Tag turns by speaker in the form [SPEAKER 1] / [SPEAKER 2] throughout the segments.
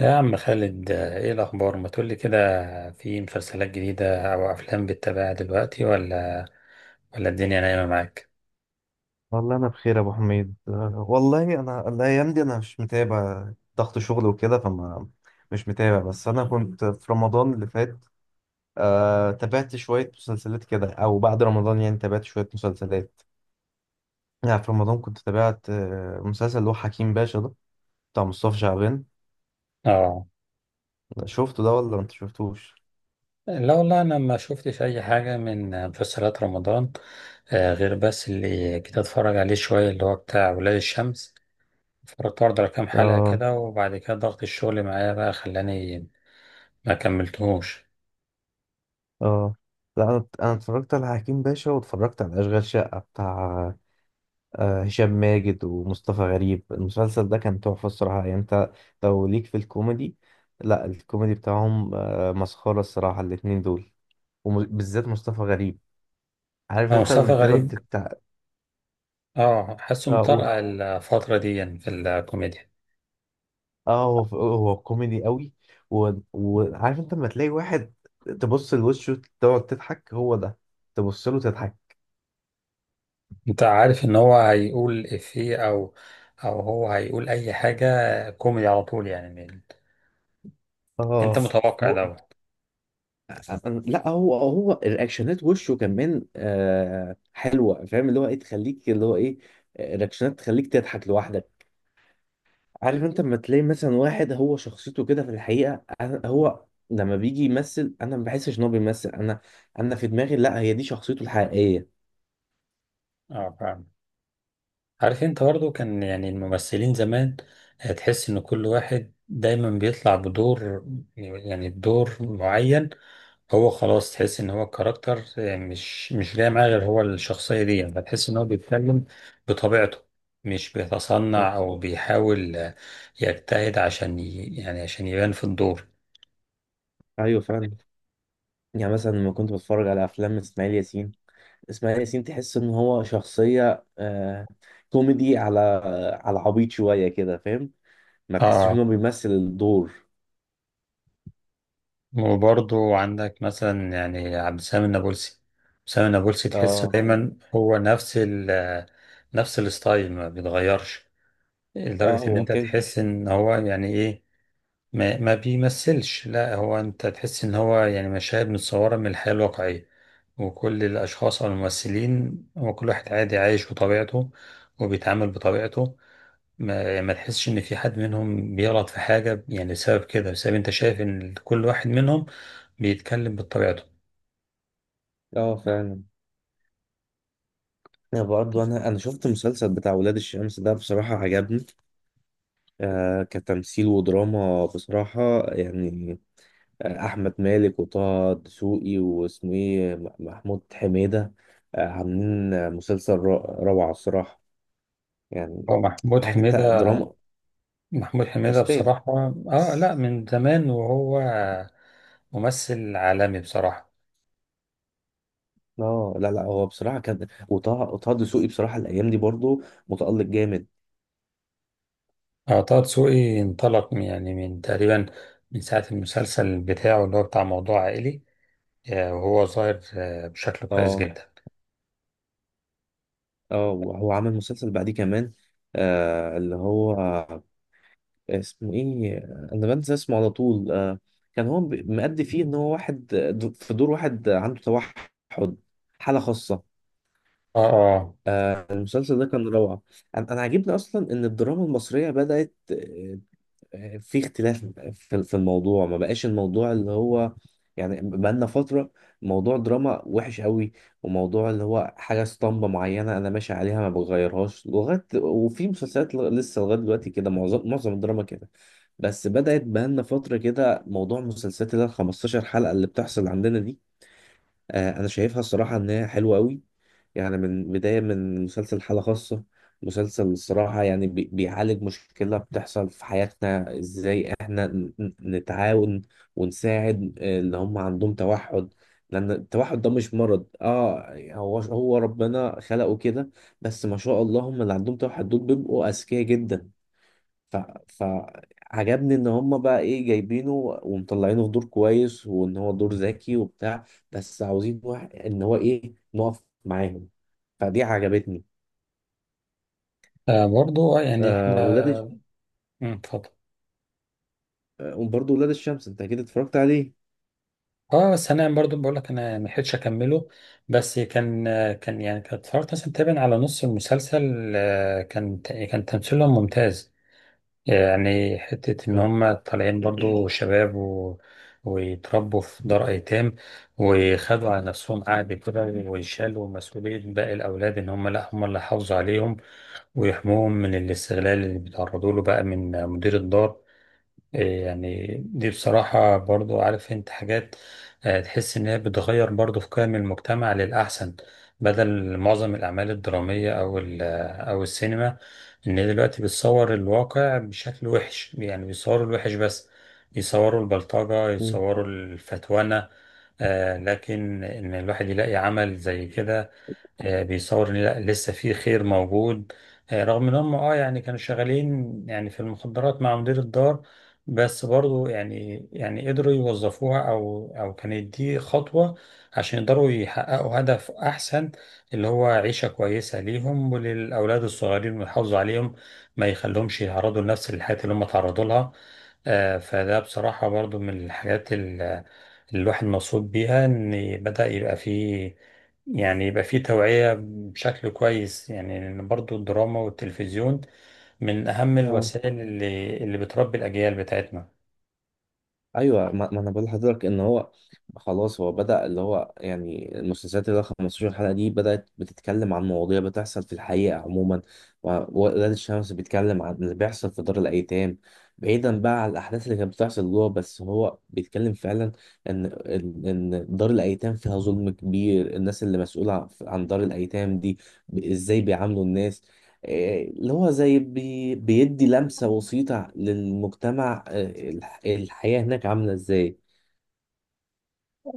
[SPEAKER 1] يا عم خالد ايه الاخبار، ما تقولي كده. في مسلسلات جديده او افلام بتتابعها دلوقتي، ولا الدنيا نايمه معاك؟
[SPEAKER 2] والله انا بخير يا ابو حميد أه، والله انا الايام دي انا مش متابع. ضغط شغل وكده فما مش متابع. بس انا كنت في رمضان اللي فات تابعت شوية مسلسلات كده او بعد رمضان، يعني تابعت شوية مسلسلات. يعني في رمضان كنت تابعت مسلسل اللي هو حكيم باشا ده، بتاع مصطفى شعبان.
[SPEAKER 1] اه،
[SPEAKER 2] شفته ده ولا انت شفتوش؟
[SPEAKER 1] لا والله انا ما شفتش اي حاجه من مسلسلات رمضان. غير بس اللي كنت اتفرج عليه شويه اللي هو بتاع ولاد الشمس. اتفرجت برضه على كام حلقه
[SPEAKER 2] اه.
[SPEAKER 1] كده، وبعد كده ضغط الشغل معايا بقى خلاني ما كملتهوش.
[SPEAKER 2] اه، لا انا اتفرجت على حكيم باشا واتفرجت على اشغال شقة بتاع هشام ماجد ومصطفى غريب. المسلسل ده كان تحفة الصراحة. يعني انت لو ليك في الكوميدي، لا الكوميدي بتاعهم مسخرة الصراحة الاتنين دول، وبالذات مصطفى غريب. عارف
[SPEAKER 1] اه
[SPEAKER 2] انت لما
[SPEAKER 1] مصطفى
[SPEAKER 2] بتبقى
[SPEAKER 1] غريب،
[SPEAKER 2] بتتع،
[SPEAKER 1] اه حاسه
[SPEAKER 2] اه قول.
[SPEAKER 1] مطرقع الفتره دي يعني في الكوميديا.
[SPEAKER 2] اه، هو هو كوميدي قوي. و- وعارف انت لما تلاقي واحد تبص لوشه تقعد تضحك، هو ده، تبص له تضحك.
[SPEAKER 1] انت عارف ان هو هيقول افيه او او هو هيقول اي حاجة، كوميدي على طول يعني انت
[SPEAKER 2] اه،
[SPEAKER 1] متوقع دوت.
[SPEAKER 2] لا هو هو الرياكشنات، وشه كمان حلوه، فاهم اللي هو ايه؟ تخليك اللي هو ايه، رياكشنات تخليك تضحك لوحدك. عارف انت لما تلاقي مثلا واحد هو شخصيته كده في الحقيقه، أنا هو لما بيجي يمثل انا ما بحسش ان هو بيمثل. انا انا في دماغي لا، هي دي شخصيته الحقيقيه.
[SPEAKER 1] اه فاهم. عارف انت برضو كان يعني الممثلين زمان، تحس ان كل واحد دايما بيطلع بدور، يعني بدور معين. هو خلاص تحس ان هو الكاركتر، مش جاي معاه غير هو الشخصية دي، يعني فتحس ان هو بيتكلم بطبيعته، مش بيتصنع او بيحاول، يجتهد عشان يعني عشان يبان في الدور.
[SPEAKER 2] ايوه فعلا. يعني مثلا لما كنت بتفرج على افلام اسماعيل ياسين، اسماعيل ياسين تحس ان هو شخصيه كوميدي، على على عبيط شويه كده، فاهم؟ ما تحسش ان
[SPEAKER 1] اه
[SPEAKER 2] هو بيمثل الدور.
[SPEAKER 1] وبرضو عندك مثلا يعني عبد السلام النابلسي، سامي النابلسي، تحسه
[SPEAKER 2] اه.
[SPEAKER 1] دايما هو نفس نفس الستايل ما بيتغيرش،
[SPEAKER 2] اه.
[SPEAKER 1] لدرجة ان
[SPEAKER 2] هو
[SPEAKER 1] انت
[SPEAKER 2] كان،
[SPEAKER 1] تحس ان هو يعني ايه، ما بيمثلش. لا هو انت تحس ان هو يعني مشاهد متصورة من الحياة الواقعية، وكل الاشخاص او الممثلين هو كل واحد عادي عايش بطبيعته وبيتعامل بطبيعته. ما تحسش ان في حد منهم بيغلط في حاجة يعني بسبب كده، بسبب انت شايف ان كل واحد منهم بيتكلم بطبيعته.
[SPEAKER 2] اه فعلا. انا برضه انا شفت المسلسل بتاع ولاد الشمس ده، بصراحه عجبني كتمثيل ودراما بصراحه يعني. احمد مالك وطه دسوقي واسمه ايه، محمود حميده عاملين مسلسل روعه الصراحه يعني.
[SPEAKER 1] هو محمود
[SPEAKER 2] عارف انت
[SPEAKER 1] حميدة،
[SPEAKER 2] دراما
[SPEAKER 1] محمود حميدة
[SPEAKER 2] استاذ.
[SPEAKER 1] بصراحة، اه لا، من زمان وهو ممثل عالمي بصراحة.
[SPEAKER 2] اه لا لا، هو بصراحه كان وطه وطه دسوقي بصراحه الايام دي برضه متالق جامد.
[SPEAKER 1] اه طه دسوقي انطلق يعني من تقريبا من ساعة المسلسل بتاعه اللي هو بتاع موضوع عائلي، وهو ظاهر، بشكل كويس
[SPEAKER 2] اه.
[SPEAKER 1] جدا.
[SPEAKER 2] اه وهو عمل مسلسل بعديه كمان اللي هو اسمه ايه؟ انا بنسى اسمه على طول. كان هو مأدي فيه ان هو واحد، في دور واحد عنده توحد، حالة خاصة.
[SPEAKER 1] اه اه،
[SPEAKER 2] المسلسل ده كان روعة. أنا عاجبني اصلا ان الدراما المصرية بدأت في اختلاف في الموضوع. ما بقاش الموضوع اللي هو يعني، بقالنا فترة موضوع دراما وحش قوي، وموضوع اللي هو حاجة اسطمبة معينة أنا ماشي عليها ما بغيرهاش لغاية. وفي مسلسلات لسه لغاية دلوقتي كده معظم الدراما كده. بس بدأت بقالنا فترة كده موضوع مسلسلات اللي هي ال 15 حلقة اللي بتحصل عندنا دي. انا شايفها الصراحه ان هي حلوه قوي، يعني من بدايه من مسلسل حاله خاصه. مسلسل الصراحه يعني بيعالج مشكله بتحصل في حياتنا، ازاي احنا نتعاون ونساعد اللي هم عندهم توحد. لان التوحد ده مش مرض، اه هو هو ربنا خلقه كده. بس ما شاء الله هم اللي عندهم توحد دول بيبقوا اذكياء جدا. ف... فعجبني ان هم بقى ايه، جايبينه ومطلعينه في دور كويس، وان هو دور ذكي وبتاع، بس عاوزين واحد ان هو ايه، نقف معاهم. فدي عجبتني.
[SPEAKER 1] برضو، يعني
[SPEAKER 2] آه
[SPEAKER 1] احنا،
[SPEAKER 2] ولاد الش-
[SPEAKER 1] اتفضل.
[SPEAKER 2] وبرضه ولاد الشمس انت اكيد اتفرجت عليه.
[SPEAKER 1] اه بس انا برضو بقول لك انا ما لحقتش اكمله، بس كان، كان يعني كنت اتفرجت مثلا تقريبا على نص المسلسل، كان تمثيلهم ممتاز، يعني حتة ان
[SPEAKER 2] لا.
[SPEAKER 1] هم طالعين برضو شباب ويتربوا في دار ايتام، وخدوا على نفسهم قعد كده ويشالوا مسؤولية باقي الاولاد ان هم لا هم اللي حافظوا عليهم ويحموهم من الاستغلال اللي بيتعرضوا له بقى من مدير الدار. إيه يعني دي بصراحة برضو عارف انت حاجات، تحس ان هي بتغير برضو في قيم المجتمع للأحسن، بدل معظم الأعمال الدرامية أو أو السينما، إن هي دلوقتي بتصور الواقع بشكل وحش، يعني بيصوروا الوحش بس، يصوروا البلطجة، يصوروا الفتوانة، لكن إن الواحد يلاقي عمل زي كده، بيصور ان لا لسه في خير موجود، رغم ان هم اه يعني كانوا شغالين يعني في المخدرات مع مدير الدار، بس برضو يعني يعني قدروا يوظفوها او او كانت دي خطوة عشان يقدروا يحققوا هدف احسن، اللي هو عيشة كويسة ليهم وللاولاد الصغيرين ويحافظوا عليهم، ما يخليهمش يتعرضوا لنفس الحياة اللي هم تعرضوا لها. فده بصراحة برضو من الحاجات اللي الواحد مبسوط بيها ان بدأ يبقى فيه، يعني يبقى في توعية بشكل كويس، يعني لأن برضو الدراما والتلفزيون من أهم
[SPEAKER 2] اه
[SPEAKER 1] الوسائل اللي بتربي الأجيال بتاعتنا.
[SPEAKER 2] ايوه. ما انا بقول لحضرتك ان هو خلاص هو بدأ اللي هو يعني المسلسلات اللي هو 15 حلقة دي بدأت بتتكلم عن مواضيع بتحصل في الحقيقة عموما. و- وولاد الشمس بيتكلم عن اللي بيحصل في دار الأيتام، بعيدا بقى عن الأحداث اللي كانت بتحصل جوه. بس هو بيتكلم فعلا إن دار الأيتام فيها ظلم كبير. الناس اللي مسؤولة عن دار الأيتام دي إزاي بيعاملوا الناس؟ اللي هو زي بي بيدي لمسة بسيطة للمجتمع، الحياة هناك عاملة ازاي.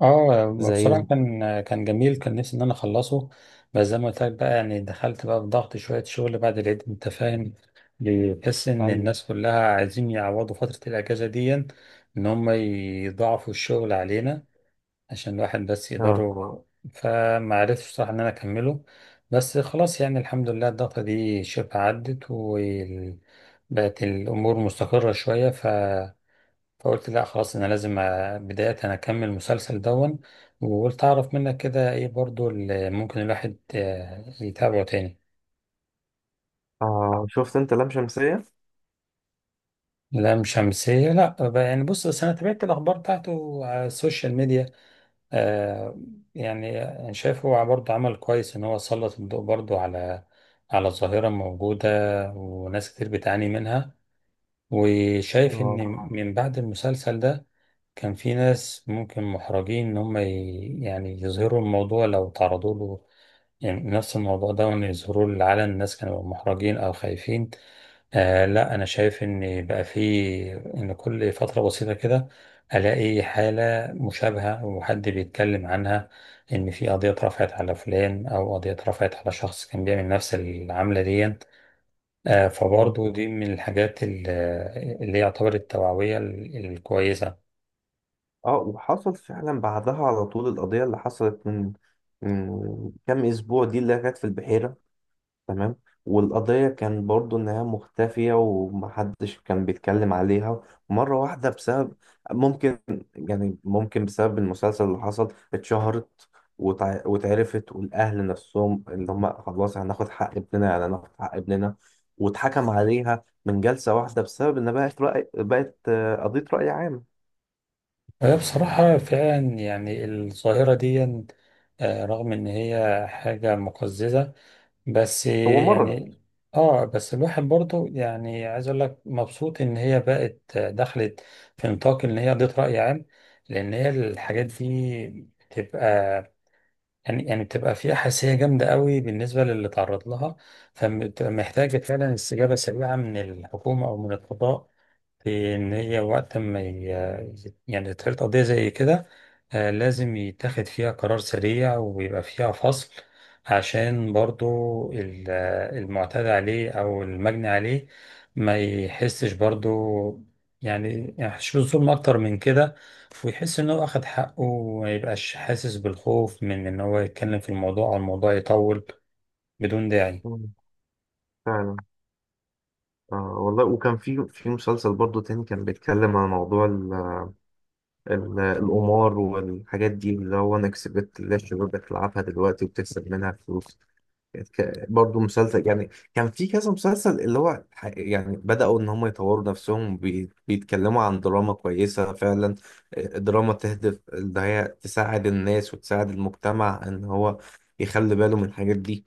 [SPEAKER 1] اه
[SPEAKER 2] زي
[SPEAKER 1] بصراحة كان، كان جميل، كان نفسي إن أنا أخلصه، بس زي ما قلت لك بقى يعني دخلت بقى في ضغط شوية شغل بعد العيد، أنت فاهم، بتحس إن
[SPEAKER 2] ايوه.
[SPEAKER 1] الناس كلها عايزين يعوضوا فترة الأجازة دي، إن هم يضاعفوا الشغل علينا عشان الواحد بس
[SPEAKER 2] اه.
[SPEAKER 1] يقدره. فما عرفتش صراحة ان انا اكمله، بس خلاص يعني الحمد لله الضغطة دي شبه عدت وبقت الامور مستقرة شوية فقلت لا خلاص انا لازم بداية انا اكمل المسلسل دون، وقلت اعرف منك كده ايه برضو اللي ممكن الواحد، يتابعه تاني.
[SPEAKER 2] اه شفت انت لام شمسية؟
[SPEAKER 1] لام شمسية، لا بقى يعني بص، بس انا تابعت الاخبار بتاعته على السوشيال ميديا. آه يعني أنا شايف هو برضه عمل كويس إن هو سلط الضوء برضه على على ظاهرة موجودة وناس كتير بتعاني منها، وشايف إن
[SPEAKER 2] اه.
[SPEAKER 1] من بعد المسلسل ده كان في ناس ممكن محرجين إن هم يعني يظهروا الموضوع لو تعرضوا له، يعني نفس الموضوع ده، وإن يظهروا للعلن الناس كانوا محرجين أو خايفين. آه لا، أنا شايف إن بقى في، إن كل فترة بسيطة كده ألاقي حالة مشابهة وحد بيتكلم عنها، إن في قضية اترفعت على فلان أو قضية اترفعت على شخص كان بيعمل نفس العملة دي. آه
[SPEAKER 2] اه.
[SPEAKER 1] فبرضه دي من الحاجات اللي هي يعتبر التوعوية الكويسة.
[SPEAKER 2] اه وحصل فعلا بعدها على طول، القضية اللي حصلت من من كام اسبوع دي اللي كانت في البحيرة. تمام. والقضية كان برضو إنها مختفية ومحدش كان بيتكلم عليها. مرة واحدة بسبب ممكن، يعني ممكن بسبب المسلسل اللي حصل اتشهرت وتع- واتعرفت، والأهل نفسهم اللي هم خلاص هناخد حق ابننا، يعني هناخد حق ابننا. واتحكم عليها من جلسة واحدة بسبب إن بقت رأي، بقت قضية رأي عام.
[SPEAKER 1] هي بصراحة فعلا يعني الظاهرة دي، رغم إن هي حاجة مقززة، بس
[SPEAKER 2] هو مرض.
[SPEAKER 1] يعني، آه بس الواحد برضو يعني عايز أقول لك مبسوط إن هي بقت، دخلت في نطاق إن هي قضية رأي عام، لأن هي الحاجات دي بتبقى، يعني يعني بتبقى فيها حساسية جامدة قوي بالنسبة للي تعرض لها، فبتبقى محتاجة فعلا استجابة سريعة من الحكومة أو من القضاء، في إن هي وقت ما يعني تتخذ قضية زي كده، لازم يتاخد فيها قرار سريع ويبقى فيها فصل، عشان برضو المعتدى عليه أو المجني عليه ما يحسش برضو، يعني يحسش بالظلم أكتر من كده، ويحس إن هو أخد حقه وما يبقاش حاسس بالخوف من إن هو يتكلم في الموضوع أو الموضوع يطول بدون داعي.
[SPEAKER 2] مم. فعلا. والله وكان في في مسلسل برضو تاني كان بيتكلم عن موضوع القمار والحاجات دي، اللي هو أنا كسبت اللي الشباب بتلعبها دلوقتي وبتكسب منها فلوس. كانت برضو مسلسل يعني. كان في كذا مسلسل اللي هو يعني بدأوا إن هم يطوروا نفسهم بيتكلموا عن دراما كويسة فعلا. دراما تهدف إن هي تساعد الناس وتساعد المجتمع إن هو يخلي باله من الحاجات دي.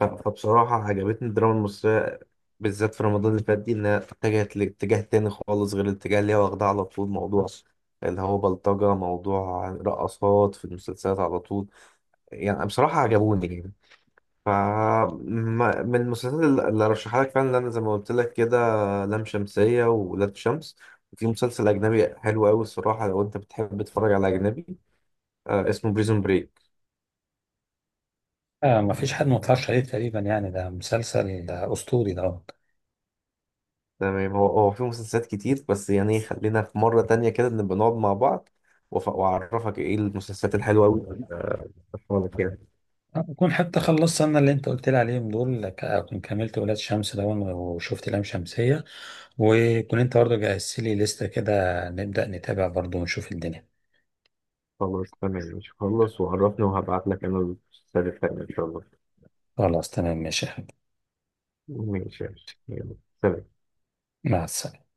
[SPEAKER 2] ف- فبصراحة عجبتني الدراما المصرية، بالذات في رمضان اللي فات دي، إنها اتجهت لاتجاه تاني خالص غير الاتجاه اللي هي واخداه على طول، موضوع اللي هو بلطجة، موضوع رقصات في المسلسلات على طول. يعني بصراحة عجبوني يعني. ف ما- من المسلسلات اللي اللي رشحها لك فعلا انا زي ما قلت لك كده، لام شمسية وولاد شمس. وفي مسلسل أجنبي حلو أوي الصراحة لو أنت بتحب تتفرج على أجنبي، اسمه بريزون بريك.
[SPEAKER 1] آه، مفيش حد متفرجش عليه تقريبا، يعني ده مسلسل ده أسطوري ده.
[SPEAKER 2] تمام. هو هو في مسلسلات كتير بس يعني خلينا في مرة تانية كده نبقى نقعد مع بعض وأف- وأعرفك إيه المسلسلات الحلوة أوي اللي أنا رشحها لك يعني.
[SPEAKER 1] أكون حتى خلصت أنا اللي أنت قلت لي عليهم دول، أكون كملت ولاد شمس ده وشفت لام شمسية، وكون أنت برضه جهزت لي لستة كده، نبدأ نتابع برضه ونشوف الدنيا.
[SPEAKER 2] خلاص تمام، مش خلص وعرفني وهبعت لك أنا المسلسلات التانية إن شاء الله.
[SPEAKER 1] خلاص تمام ماشي يا حبيبي.
[SPEAKER 2] ماشي. يلا. سلام.
[SPEAKER 1] مع السلامة.